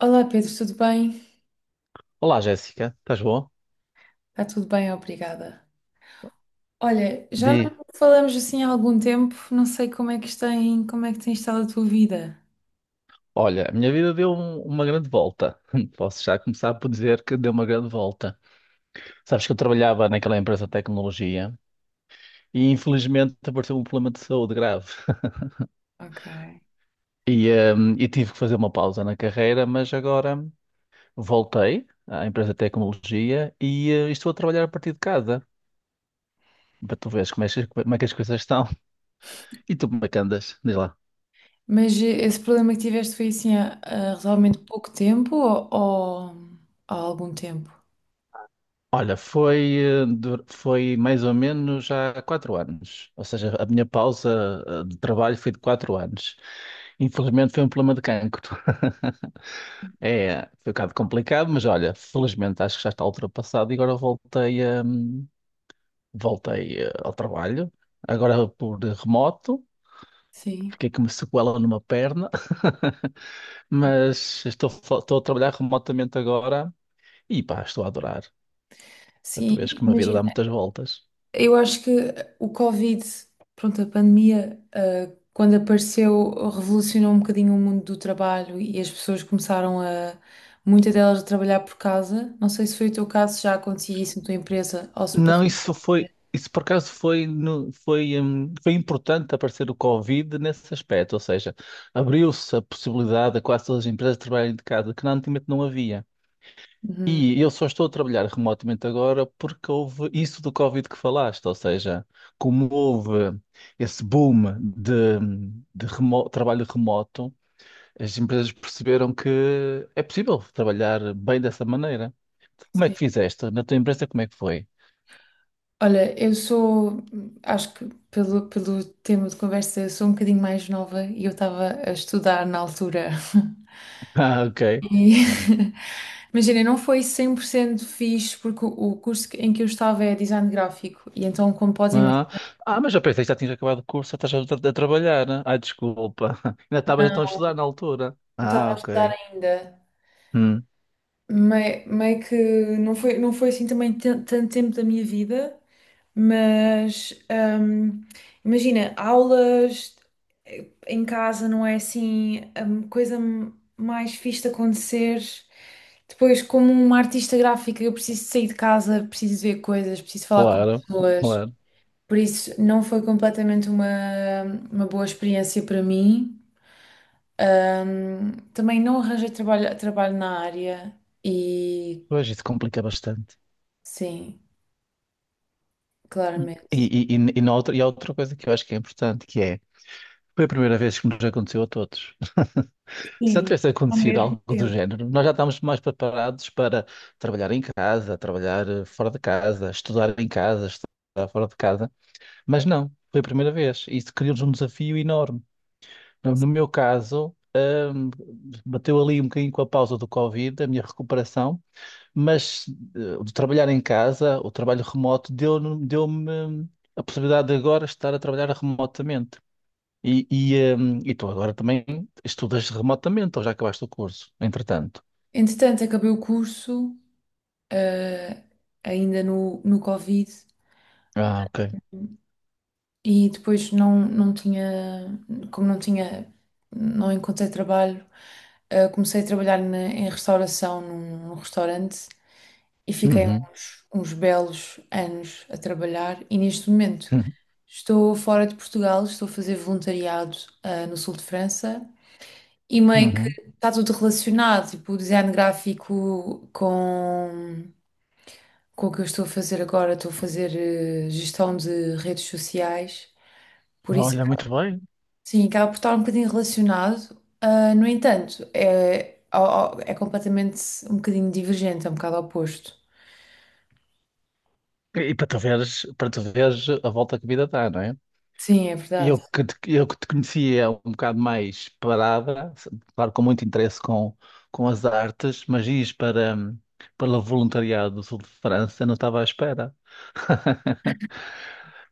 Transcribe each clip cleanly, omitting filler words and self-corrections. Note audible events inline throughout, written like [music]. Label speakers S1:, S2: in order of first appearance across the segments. S1: Olá Pedro, tudo bem?
S2: Olá, Jéssica, estás boa?
S1: Está tudo bem, obrigada. Olha, já
S2: Di,
S1: não falamos assim há algum tempo, não sei como é que tem estado a tua vida.
S2: Olha, a minha vida deu uma grande volta. [laughs] Posso já começar por dizer que deu uma grande volta. Sabes que eu trabalhava naquela empresa de tecnologia e infelizmente apareceu um problema de saúde grave.
S1: Ok.
S2: E, e tive que fazer uma pausa na carreira, mas agora voltei à empresa de tecnologia e estou a trabalhar a partir de casa. Para tu veres como é, como é que as coisas estão. E tu, como é que andas? Diz lá.
S1: Mas esse problema que tiveste foi assim há relativamente pouco tempo ou há algum tempo?
S2: Olha, foi mais ou menos há 4 anos. Ou seja, a minha pausa de trabalho foi de 4 anos. Infelizmente foi um problema de cancro. [laughs] É, foi um bocado complicado, mas olha, felizmente acho que já está ultrapassado e agora voltei ao trabalho. Agora por remoto,
S1: Sim.
S2: fiquei com uma sequela numa perna, [laughs] mas estou a trabalhar remotamente agora e pá, estou a adorar. Tu
S1: Sim,
S2: vês que uma vida
S1: imagina.
S2: dá muitas voltas.
S1: Eu acho que o Covid, pronto, a pandemia, quando apareceu, revolucionou um bocadinho o mundo do trabalho e as pessoas começaram a, muitas delas, a trabalhar por casa. Não sei se foi o teu caso, se já acontecia isso na tua empresa ou se
S2: Não,
S1: passou.
S2: isso por acaso foi, no- foi, foi importante aparecer o Covid nesse aspecto, ou seja, abriu-se a possibilidade a quase todas as empresas trabalharem de casa, que antigamente não havia.
S1: Uhum,
S2: E eu só estou a trabalhar remotamente agora porque houve isso do Covid que falaste, ou seja, como houve esse boom de trabalho remoto, as empresas perceberam que é possível trabalhar bem dessa maneira. Como é
S1: sim.
S2: que fizeste? Na tua empresa, como é que foi?
S1: Olha, eu sou, acho que pelo tema de conversa, eu sou um bocadinho mais nova e eu estava a estudar na altura. [laughs]
S2: [laughs] Ah,
S1: E,
S2: ok.
S1: [laughs] imagina, não foi 100% fixe porque o em que eu estava é design gráfico e então, como podes imaginar,
S2: Ah, ah, mas eu pensei que já tinhas acabado o curso, já estás a trabalhar, né? Ai, desculpa. [laughs] Ainda estavas então a estudar na altura.
S1: eu estava
S2: Ah,
S1: a estudar
S2: ok.
S1: ainda.
S2: Hum,
S1: Meio que não foi assim também tanto tempo da minha vida, mas imagina, aulas em casa não é assim a coisa mais fixe de acontecer. Depois, como uma artista gráfica, eu preciso de sair de casa, preciso de ver coisas, preciso falar com
S2: Claro,
S1: pessoas.
S2: claro.
S1: Por isso, não foi completamente uma boa experiência para mim. Também não arranjei trabalho na área e
S2: Pois isso complica bastante.
S1: sim, claramente.
S2: E há outra coisa que eu acho que é importante, que é, foi a primeira vez que nos aconteceu a todos. [laughs] Se já
S1: Sim,
S2: tivesse
S1: ao
S2: acontecido
S1: mesmo
S2: algo do
S1: tempo.
S2: género, nós já estávamos mais preparados para trabalhar em casa, trabalhar fora de casa, estudar em casa, estudar fora de casa. Mas não, foi a primeira vez. Isso criou-nos um desafio enorme. No meu caso, bateu ali um bocadinho com a pausa do Covid, a minha recuperação, mas de trabalhar em casa, o trabalho remoto, deu-me a possibilidade de agora estar a trabalhar remotamente. E, e, eh, e tu agora também estudas remotamente, ou já acabaste o curso, entretanto?
S1: Entretanto, acabei o curso, ah, ainda no Covid,
S2: Ah, ok.
S1: e depois não tinha, como não tinha, não encontrei trabalho, ah, comecei a trabalhar em restauração num restaurante. E fiquei
S2: Uhum.
S1: uns belos anos a trabalhar e neste momento
S2: Uhum.
S1: estou fora de Portugal, estou a fazer voluntariado, ah, no sul de França e meio que
S2: Uhum.
S1: está tudo relacionado, tipo o design gráfico com o que eu estou a fazer agora, estou a fazer gestão de redes sociais, por isso
S2: Olha,
S1: acaba-
S2: muito bem.
S1: sim, acaba por estar um bocadinho relacionado. Ah, no entanto, é, é completamente um bocadinho divergente, é um bocado oposto.
S2: E para tu veres a volta que a vida dá, não é?
S1: Sim, é verdade.
S2: Eu que te conhecia um bocado mais parada, claro, com muito interesse com as artes, mas ias para o voluntariado do sul de França, não estava à espera. [laughs]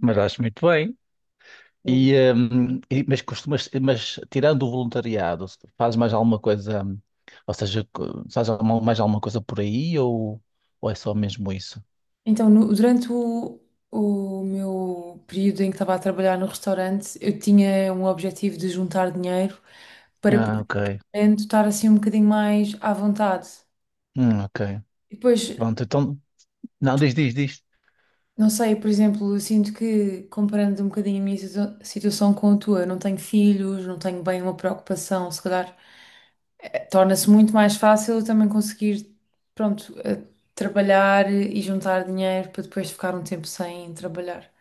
S2: Mas acho muito bem. Mas tirando o voluntariado, fazes mais alguma coisa, ou seja, mais alguma coisa por aí ou é só mesmo isso?
S1: Então, durante o meu período em que estava a trabalhar no restaurante, eu tinha um objetivo de juntar dinheiro para
S2: Ah,
S1: poder
S2: ok.
S1: estar assim um bocadinho mais à vontade.
S2: Ok.
S1: E depois,
S2: Pronto, então, não, diz, diz, diz.
S1: não sei, por exemplo, eu sinto que, comparando um bocadinho a minha situação com a tua, não tenho filhos, não tenho bem uma preocupação, se calhar, torna-se muito mais fácil eu também conseguir, pronto, eh, trabalhar e juntar dinheiro para depois ficar um tempo sem trabalhar.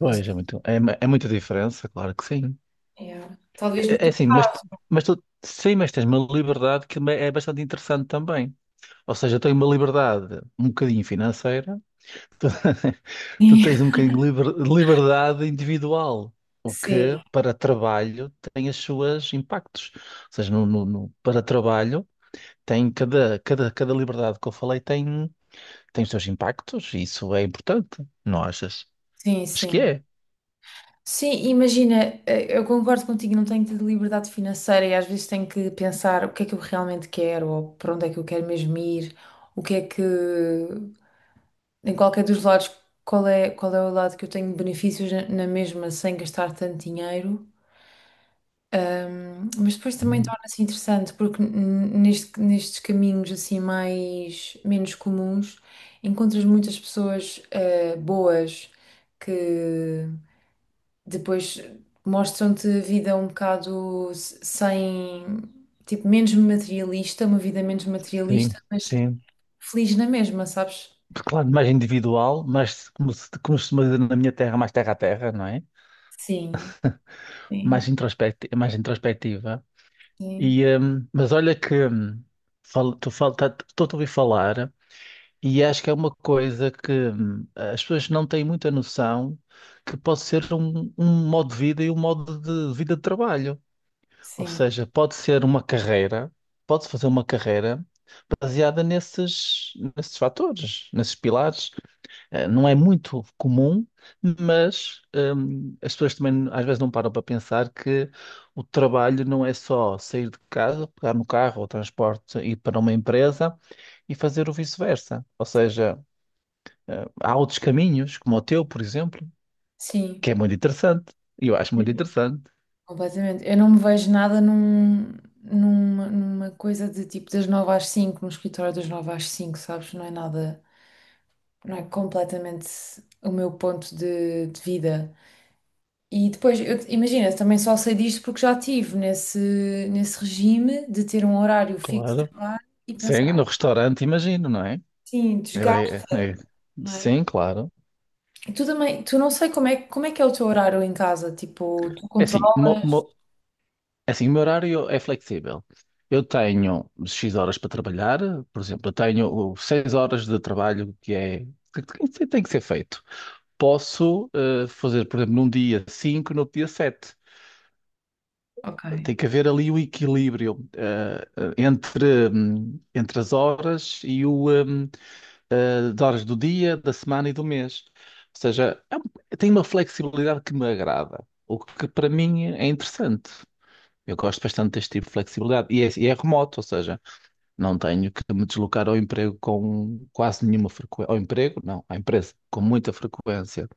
S1: Não
S2: é
S1: sei.
S2: muito, é, é muita diferença, claro que sim.
S1: Yeah. Talvez no
S2: É
S1: teu.
S2: assim, sim, mas tens uma liberdade que é bastante interessante também. Ou seja, eu tenho uma liberdade um bocadinho financeira, [laughs] tu
S1: [laughs]
S2: tens um bocadinho de liberdade individual, o
S1: Sim,
S2: que para trabalho tem as suas impactos. Ou seja, para trabalho tem cada liberdade que eu falei tem, tem os seus impactos, e isso é importante, não achas?
S1: sim,
S2: Acho que
S1: sim.
S2: é.
S1: Sim, imagina, eh, eu concordo contigo, não tenho tido liberdade financeira e às vezes tenho que pensar o que é que eu realmente quero, ou para onde é que eu quero mesmo ir, o que é que, em qualquer dos lados, qual é o lado que eu tenho benefícios na mesma sem gastar tanto dinheiro. Mas depois também
S2: Hum,
S1: torna-se interessante, porque nestes caminhos assim mais, menos comuns, encontras muitas pessoas boas que depois mostram-te a vida um bocado sem, tipo, menos materialista, uma vida menos
S2: Sim,
S1: materialista, mas
S2: sim.
S1: feliz na mesma, sabes?
S2: Claro, mais individual, mas como se costuma dizer na minha terra, mais terra a terra, não é?
S1: Sim, sim,
S2: Mais introspectiva.
S1: sim,
S2: Mas olha que estou a ouvir falar e acho que é uma coisa que as pessoas não têm muita noção que pode ser um modo de vida e um modo de vida de trabalho. Ou
S1: sim,
S2: seja, pode ser uma carreira, pode-se fazer uma carreira baseada nesses fatores, nesses pilares. Não é muito comum, mas as pessoas também às vezes não param para pensar que o trabalho não é só sair de casa, pegar no carro ou transporte, ir para uma empresa e fazer o vice-versa. Ou seja, há outros caminhos, como o teu, por exemplo,
S1: sim,
S2: que é muito interessante. Eu acho muito interessante,
S1: completamente. Eu não me vejo nada numa coisa de tipo das nove às cinco, no escritório das nove às cinco, sabes? Não é nada, não é completamente o meu ponto de vida. E depois, eu, imagina, também só sei disto porque já estive nesse regime de ter um horário fixo de
S2: claro.
S1: trabalho e
S2: Sim, no
S1: pensar.
S2: restaurante, imagino, não é?
S1: Sim,
S2: Era- é-
S1: desgasta,
S2: é-
S1: não é?
S2: Sim, claro.
S1: E tu também, tu não sei como é que é o teu horário em casa, tipo, tu
S2: É assim, uma,
S1: controlas?
S2: uma- Assim, o meu horário é flexível. Eu tenho X horas para trabalhar, por exemplo, eu tenho 6 horas de trabalho que é que tem que ser feito. Posso fazer, por exemplo, num dia 5, no outro dia 7.
S1: Ok.
S2: Tem que haver ali o equilíbrio entre as horas e as horas do dia, da semana e do mês. Ou seja, tem uma flexibilidade que me agrada, o que para mim é interessante. Eu gosto bastante deste tipo de flexibilidade. É remoto, ou seja, não tenho que me deslocar ao emprego com quase nenhuma frequência. Ao emprego, não, à empresa, com muita frequência.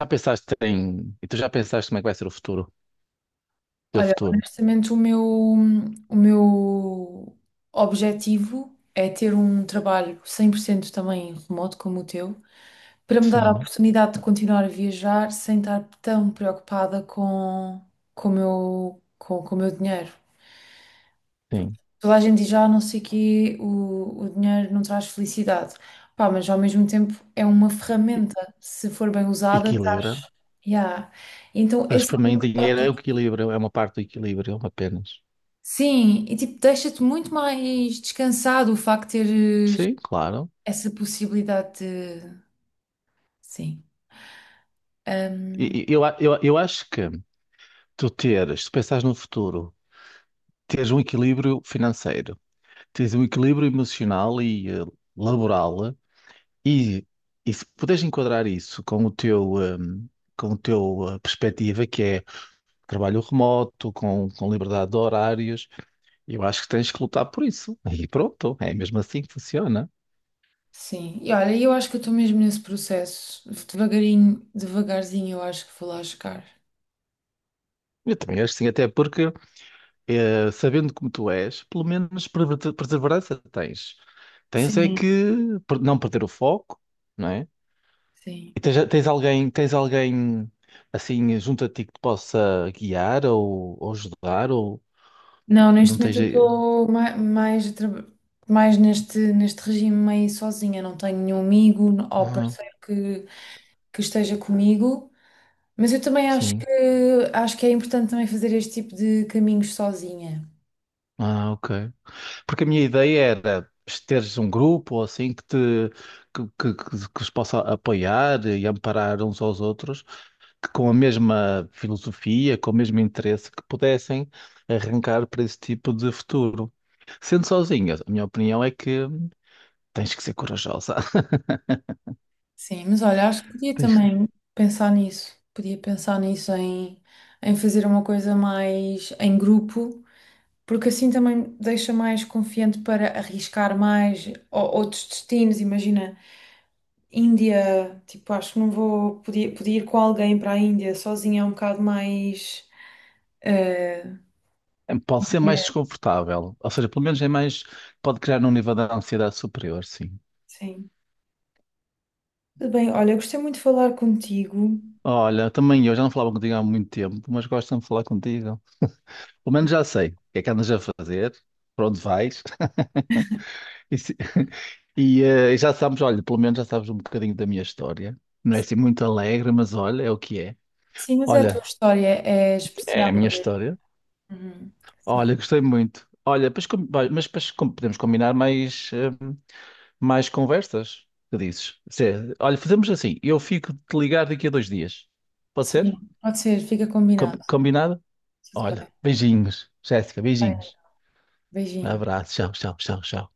S2: Já pensaste em. E tu já pensaste como é que vai ser o futuro? Teu
S1: Olha,
S2: futuro?
S1: honestamente, o meu objetivo é ter um trabalho 100% também remoto como o teu, para me dar a
S2: Sim,
S1: oportunidade de continuar a viajar sem estar tão preocupada com, com o meu dinheiro.
S2: sim.
S1: Toda a gente diz, ah, não sei que o dinheiro não traz felicidade. Pá, mas ao mesmo tempo é uma
S2: E-
S1: ferramenta, se for bem usada.
S2: Equilibra.
S1: Yeah. Então,
S2: Mas
S1: esse.
S2: para
S1: É um
S2: mim, dinheiro é o equilíbrio, é uma parte do equilíbrio apenas.
S1: sim, e tipo, deixa-te muito mais descansado o facto de teres
S2: Sim, claro.
S1: essa possibilidade de. Sim. Ahm,
S2: Eu acho que tu teres, se pensares no futuro, teres um equilíbrio financeiro, teres um equilíbrio emocional e laboral. E, e se puderes enquadrar isso com o teu perspectiva, que é trabalho remoto, com liberdade de horários, eu acho que tens que lutar por isso. E pronto, é mesmo assim que funciona.
S1: sim. E olha, eu acho que eu estou mesmo nesse processo. Devagarinho, devagarzinho, eu acho que vou lá chegar.
S2: Eu também acho que sim, até porque, sabendo como tu és, pelo menos perseverança tens. Tens é
S1: Sim,
S2: que não perder o foco, não é?
S1: sim.
S2: E tens alguém assim junto a ti que te possa guiar ou ajudar, ou
S1: Não, neste
S2: não
S1: momento
S2: tens.
S1: eu estou mais, mais neste regime meio sozinha. Não tenho nenhum amigo ou parceiro que esteja comigo. Mas eu também
S2: Sim.
S1: acho que é importante também fazer este tipo de caminhos sozinha.
S2: Ah, ok. Porque a minha ideia era teres um grupo ou assim que te que os possa apoiar e amparar uns aos outros, que com a mesma filosofia, com o mesmo interesse, que pudessem arrancar para esse tipo de futuro. Sendo sozinha, a minha opinião é que tens que ser corajosa. [laughs]
S1: Sim, mas olha, acho que podia
S2: Tens que-
S1: também pensar nisso. Podia pensar nisso em, em fazer uma coisa mais em grupo, porque assim também deixa mais confiante para arriscar mais outros destinos. Imagina, Índia, tipo, acho que não vou. Podia ir com alguém para a Índia sozinha, é um bocado mais. Eh,
S2: É, pode ser mais
S1: é.
S2: desconfortável, ou seja, pelo menos é mais, pode criar um nível de ansiedade superior, sim.
S1: Sim. Tudo bem, olha, eu gostei muito de falar contigo.
S2: Olha, também eu já não falava contigo há muito tempo, mas gosto de falar contigo. Pelo menos já sei o que é que andas a fazer, para onde vais. [laughs] E, se- e, eh, já sabes, olha, pelo menos já sabes um bocadinho da minha história. Não é assim muito alegre, mas olha, é o que é.
S1: Sim, mas é a tua
S2: Olha,
S1: história é
S2: é
S1: especial,
S2: a minha
S1: não é?
S2: história.
S1: Uhum. Sim.
S2: Olha, gostei muito. Olha, pois com- vai, mas pois com- podemos combinar mais conversas. Que dizes? Olha, fazemos assim. Eu fico de te ligar daqui a 2 dias. Pode
S1: Sim,
S2: ser?
S1: pode ser, fica combinado.
S2: Combinado?
S1: Tudo
S2: Olha,
S1: bem.
S2: beijinhos. Jéssica,
S1: Bem,
S2: beijinhos.
S1: beijinho.
S2: Abraço. Tchau, tchau, tchau, tchau.